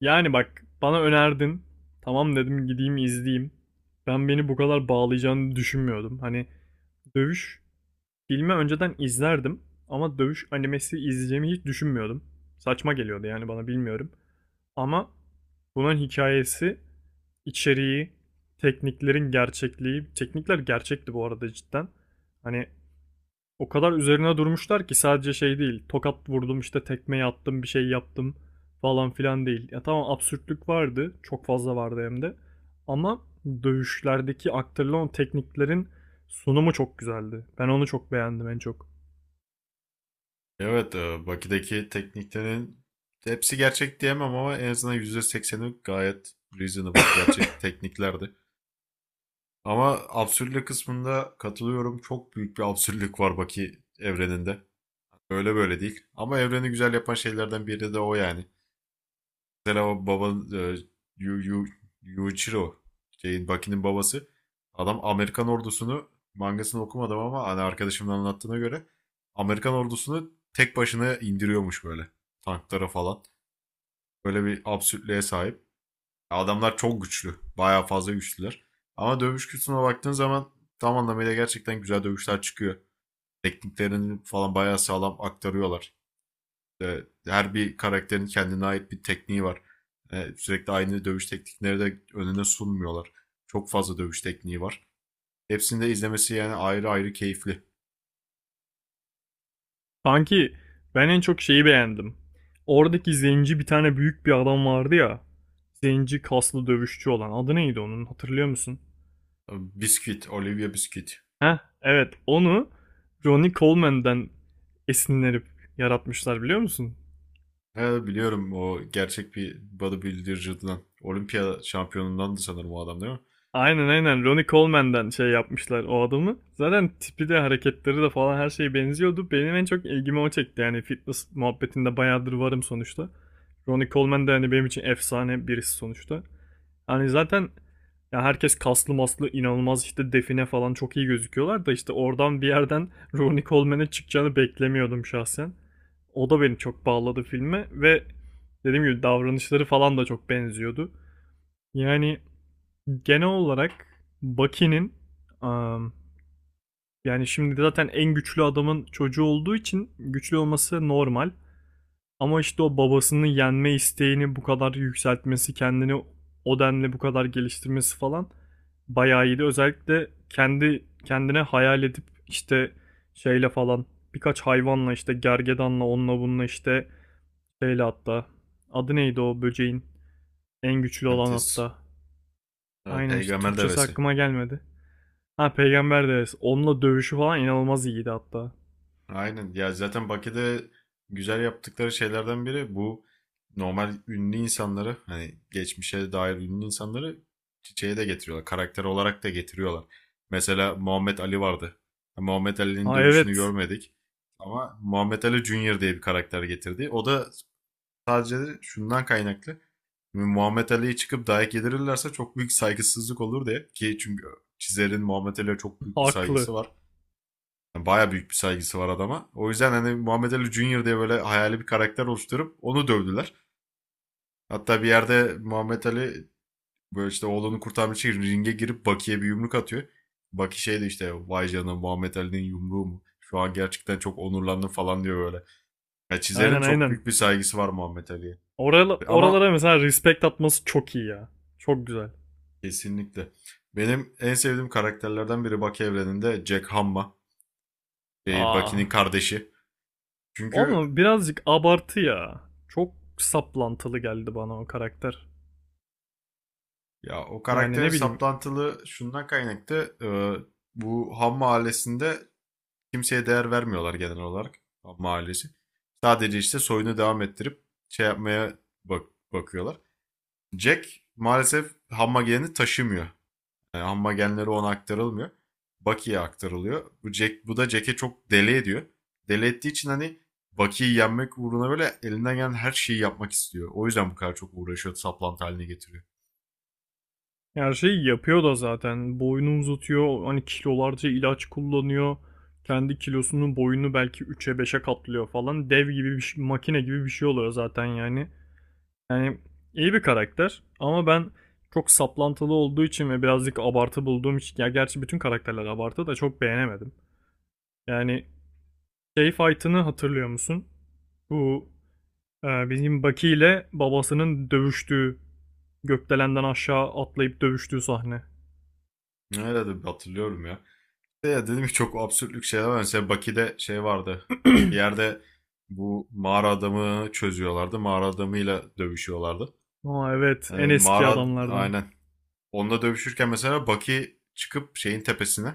Yani bak bana önerdin. Tamam dedim gideyim izleyeyim. Ben beni bu kadar bağlayacağını düşünmüyordum. Hani dövüş filmi önceden izlerdim ama dövüş animesi izleyeceğimi hiç düşünmüyordum. Saçma geliyordu yani bana bilmiyorum. Ama bunun hikayesi, içeriği, tekniklerin gerçekliği, teknikler gerçekti bu arada cidden. Hani o kadar üzerine durmuşlar ki sadece şey değil. Tokat vurdum işte tekmeyi attım bir şey yaptım falan filan değil. Ya tamam absürtlük vardı. Çok fazla vardı hem de. Ama dövüşlerdeki aktarılan tekniklerin sunumu çok güzeldi. Ben onu çok beğendim en çok. Evet, Baki'deki tekniklerin hepsi gerçek diyemem ama en azından %80'i gayet reasonable, gerçek tekniklerdi. Ama absürtlük kısmında katılıyorum. Çok büyük bir absürtlük var Baki evreninde. Öyle böyle değil. Ama evreni güzel yapan şeylerden biri de o yani. Mesela o babanın Yu, Yu, Yuichiro şeyin Baki'nin babası, adam Amerikan ordusunu, mangasını okumadım ama hani arkadaşımın anlattığına göre Amerikan ordusunu tek başına indiriyormuş, böyle tanklara falan. Böyle bir absürtlüğe sahip. Adamlar çok güçlü. Bayağı fazla güçlüler. Ama dövüş kültürüne baktığın zaman tam anlamıyla gerçekten güzel dövüşler çıkıyor. Tekniklerini falan bayağı sağlam aktarıyorlar. E, her bir karakterin kendine ait bir tekniği var. Sürekli aynı dövüş teknikleri de önüne sunmuyorlar. Çok fazla dövüş tekniği var. Hepsini de izlemesi yani ayrı ayrı keyifli. Sanki ben en çok şeyi beğendim. Oradaki zenci bir tane büyük bir adam vardı ya. Zenci kaslı dövüşçü olan. Adı neydi onun hatırlıyor musun? Biscuit, Olivia Biscuit. Heh, evet onu Ronnie Coleman'den esinlenip yaratmışlar biliyor musun? He, biliyorum, o gerçek bir bodybuilder'cıdan. Olimpiya şampiyonundan da sanırım o adam, değil mi? Aynen aynen, Ronnie Coleman'den şey yapmışlar o adamı. Zaten tipi de hareketleri de falan her şeye benziyordu. Benim en çok ilgimi o çekti yani fitness muhabbetinde bayağıdır varım sonuçta. Ronnie Coleman da hani benim için efsane birisi sonuçta. Yani zaten ya herkes kaslı maslı inanılmaz işte define falan çok iyi gözüküyorlar da işte oradan bir yerden Ronnie Coleman'e çıkacağını beklemiyordum şahsen. O da beni çok bağladı filme ve dediğim gibi davranışları falan da çok benziyordu. Yani genel olarak Bucky'nin am, yani şimdi zaten en güçlü adamın çocuğu olduğu için güçlü olması normal. Ama işte o babasını yenme isteğini bu kadar yükseltmesi, kendini o denli bu kadar geliştirmesi falan bayağı iyiydi. Özellikle kendi kendine hayal edip işte şeyle falan birkaç hayvanla işte gergedanla onunla bununla işte şeyle hatta adı neydi o böceğin en güçlü olan Antis. hatta. Evet, Aynen işte peygamber Türkçesi devesi. aklıma gelmedi. Ha, Peygamber Devesi. Onunla dövüşü falan inanılmaz iyiydi hatta. Aynen. Ya zaten Bakü'de güzel yaptıkları şeylerden biri bu, normal ünlü insanları, hani geçmişe dair ünlü insanları çiçeğe de getiriyorlar. Karakter olarak da getiriyorlar. Mesela Muhammed Ali vardı. Muhammed Ali'nin Ha, dövüşünü evet. görmedik. Ama Muhammed Ali Junior diye bir karakter getirdi. O da sadece şundan kaynaklı. Şimdi Muhammed Ali'yi çıkıp dayak yedirirlerse çok büyük saygısızlık olur diye. Ki çünkü çizerin Muhammed Ali'ye çok büyük bir Haklı. saygısı var. Yani baya büyük bir saygısı var adama. O yüzden hani Muhammed Ali Junior diye böyle hayali bir karakter oluşturup onu dövdüler. Hatta bir yerde Muhammed Ali böyle işte oğlunu kurtarmak için ringe girip Baki'ye bir yumruk atıyor. Baki şey de işte, vay canına, Muhammed Ali'nin yumruğu mu? Şu an gerçekten çok onurlandım falan diyor böyle. Ya çizerin Aynen çok aynen. büyük bir saygısı var Muhammed Ali'ye. Oral, Ama oralara mesela respect atması çok iyi ya. Çok güzel. kesinlikle. Benim en sevdiğim karakterlerden biri Baki evreninde Jack Hamma. Şey, Aa. Baki'nin kardeşi. Çünkü Ama birazcık abartı ya. Çok saplantılı geldi bana o karakter. ya o Yani karakterin ne bileyim. saplantılı şundan kaynaklı. Bu Ham mahallesinde kimseye değer vermiyorlar genel olarak. Ham mahallesi. Sadece işte soyunu devam ettirip şey yapmaya bak bakıyorlar. Jack maalesef Ham magenini taşımıyor. Amma genleri ona aktarılmıyor. Bucky'ye aktarılıyor. Jack, bu da Jack'e çok deli ediyor. Deli ettiği için hani Bucky'yi yenmek uğruna böyle elinden gelen her şeyi yapmak istiyor. O yüzden bu kadar çok uğraşıyor, saplantı haline getiriyor. Her şeyi yapıyor da zaten. Boyunu uzatıyor. Hani kilolarca ilaç kullanıyor. Kendi kilosunun boyunu belki üç'e beşe katlıyor falan. Dev gibi bir şey, makine gibi bir şey oluyor zaten yani. Yani iyi bir karakter ama ben çok saplantılı olduğu için ve birazcık abartı bulduğum için, ya gerçi bütün karakterler abartı, da çok beğenemedim. Yani şey fight'ını hatırlıyor musun? Bu Bizim Baki ile babasının dövüştüğü gökdelenden aşağı atlayıp dövüştüğü sahne. Nerede hatırlıyorum ya. De ya dedim ki çok absürtlük şeyler var. Mesela Baki'de şey vardı. Bir yerde bu mağara adamı çözüyorlardı. Mağara adamıyla dövüşüyorlardı. Aa, evet, en eski Mağara adamlardan. aynen. Onunla dövüşürken mesela Baki çıkıp şeyin tepesine.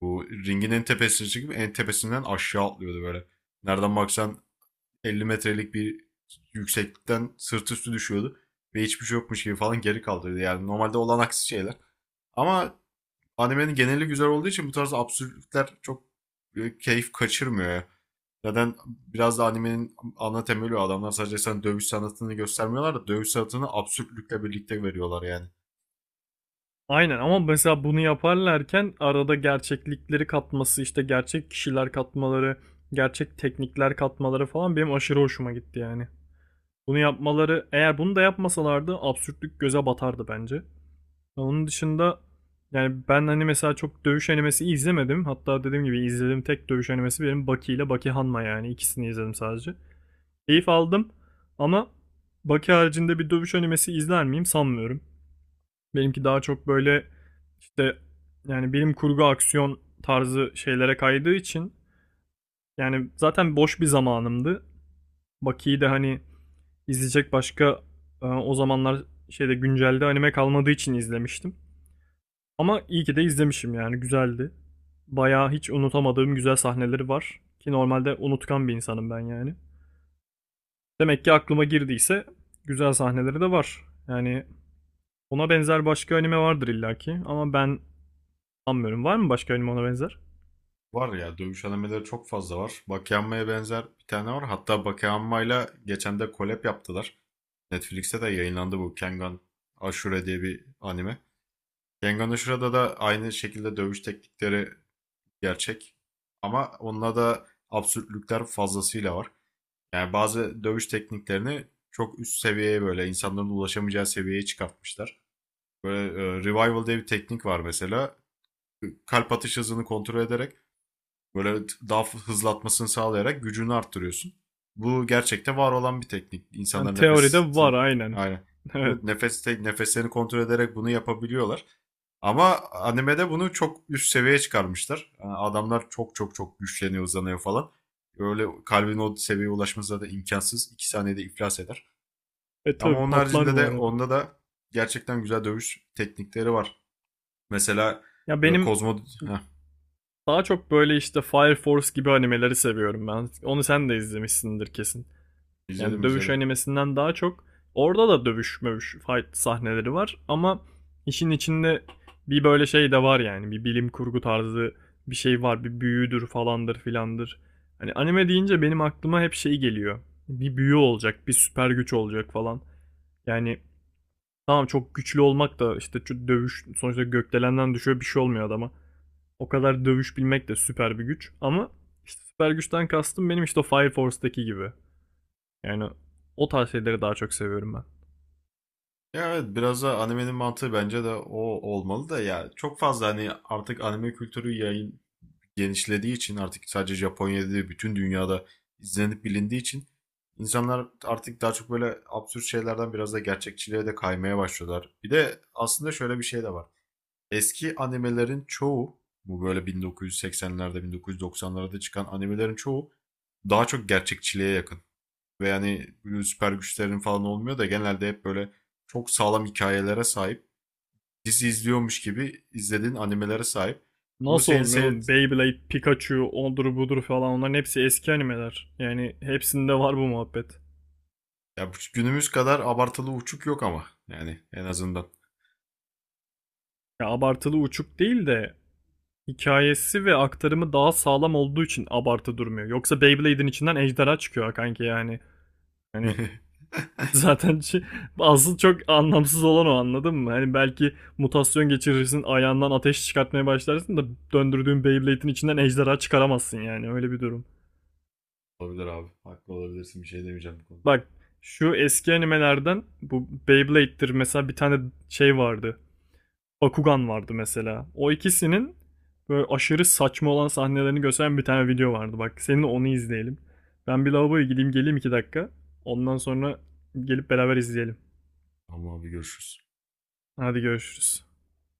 Bu ringin en tepesine çıkıp en tepesinden aşağı atlıyordu böyle. Nereden baksan 50 metrelik bir yükseklikten sırt üstü düşüyordu. Ve hiçbir şey yokmuş gibi falan geri kaldırıyordu. Yani normalde olan aksi şeyler. Ama animenin geneli güzel olduğu için bu tarz absürtlükler çok keyif kaçırmıyor ya. Zaten biraz da animenin ana temeli o. Adamlar sadece sen dövüş sanatını göstermiyorlar da dövüş sanatını absürtlükle birlikte veriyorlar yani. Aynen, ama mesela bunu yaparlarken arada gerçeklikleri katması, işte gerçek kişiler katmaları, gerçek teknikler katmaları falan benim aşırı hoşuma gitti yani. Bunu yapmaları, eğer bunu da yapmasalardı absürtlük göze batardı bence. Onun dışında yani ben hani mesela çok dövüş animesi izlemedim. Hatta dediğim gibi izlediğim tek dövüş animesi benim Baki ile Baki Hanma, yani ikisini izledim sadece. Keyif aldım ama Baki haricinde bir dövüş animesi izler miyim sanmıyorum. Benimki daha çok böyle işte yani bilim kurgu aksiyon tarzı şeylere kaydığı için, yani zaten boş bir zamanımdı. Baki'yi de hani izleyecek başka o zamanlar şeyde güncelde anime kalmadığı için izlemiştim. Ama iyi ki de izlemişim, yani güzeldi. Bayağı hiç unutamadığım güzel sahneleri var. Ki normalde unutkan bir insanım ben yani. Demek ki aklıma girdiyse güzel sahneleri de var. Yani ona benzer başka anime vardır illaki ama ben sanmıyorum. Var mı başka anime ona benzer? Var ya, dövüş animeleri çok fazla var. Bakeyanma'ya benzer bir tane var. Hatta Bakeyanma'yla geçen de collab yaptılar. Netflix'te de yayınlandı, bu Kengan Ashura diye bir anime. Kengan Ashura'da da aynı şekilde dövüş teknikleri gerçek. Ama onda da absürtlükler fazlasıyla var. Yani bazı dövüş tekniklerini çok üst seviyeye, böyle insanların ulaşamayacağı seviyeye çıkartmışlar. Böyle revival diye bir teknik var mesela. Kalp atış hızını kontrol ederek, böyle daha hızlatmasını sağlayarak gücünü arttırıyorsun. Bu gerçekte var olan bir teknik. Yani İnsanlar teoride var nefesi aynen. aynen. Evet. Nefeslerini kontrol ederek bunu yapabiliyorlar. Ama animede bunu çok üst seviyeye çıkarmışlar. Yani adamlar çok çok çok güçleniyor, uzanıyor falan. Öyle kalbin o seviyeye ulaşması da imkansız. 2 saniyede iflas eder. E Ama tabi onun patlar haricinde bu de arada. onda da gerçekten güzel dövüş teknikleri var. Mesela Ya benim Kozmo... Heh, daha çok böyle işte Fire Force gibi animeleri seviyorum ben. Onu sen de izlemişsindir kesin. Yani izledim, dövüş izledim. animesinden daha çok, orada da dövüş mövüş fight sahneleri var ama işin içinde bir böyle şey de var, yani bir bilim kurgu tarzı bir şey var, bir büyüdür falandır filandır. Hani anime deyince benim aklıma hep şey geliyor. Bir büyü olacak, bir süper güç olacak falan. Yani tamam, çok güçlü olmak da işte şu dövüş sonuçta, gökdelenden düşüyor bir şey olmuyor adama. O kadar dövüş bilmek de süper bir güç ama işte süper güçten kastım benim işte o Fire Force'daki gibi. Yani o tarz şeyleri daha çok seviyorum ben. Ya evet, biraz da animenin mantığı bence de o olmalı da, ya çok fazla, hani artık anime kültürü yayın genişlediği için, artık sadece Japonya'da değil bütün dünyada izlenip bilindiği için insanlar artık daha çok böyle absürt şeylerden biraz da gerçekçiliğe de kaymaya başlıyorlar. Bir de aslında şöyle bir şey de var. Eski animelerin çoğu, bu böyle 1980'lerde 1990'larda çıkan animelerin çoğu daha çok gerçekçiliğe yakın ve yani süper güçlerin falan olmuyor da genelde hep böyle çok sağlam hikayelere sahip. Dizi izliyormuş gibi izlediğin animelere sahip. Bu Nasıl senin olmuyor sev oğlum? Beyblade, Pikachu, ondur budur falan, onların hepsi eski animeler. Yani hepsinde var bu muhabbet. ya günümüz kadar abartılı uçuk yok ama yani en azından. Ya abartılı uçuk değil de hikayesi ve aktarımı daha sağlam olduğu için abartı durmuyor. Yoksa Beyblade'in içinden ejderha çıkıyor ha kanki yani. Hani zaten şey- asıl çok anlamsız olan o, anladın mı? Hani belki mutasyon geçirirsin ayağından ateş çıkartmaya başlarsın da döndürdüğün Beyblade'in içinden ejderha çıkaramazsın, yani öyle bir durum. Olabilir abi. Haklı olabilirsin. Bir şey demeyeceğim bu konuda. Bak, şu eski animelerden bu Beyblade'dir mesela, bir tane şey vardı. Bakugan vardı mesela. O ikisinin böyle aşırı saçma olan sahnelerini gösteren bir tane video vardı. Bak, seninle onu izleyelim. Ben bir lavaboya gideyim geleyim, 2 dakika. Ondan sonra gelip beraber izleyelim. Tamam abi, görüşürüz. Hadi görüşürüz.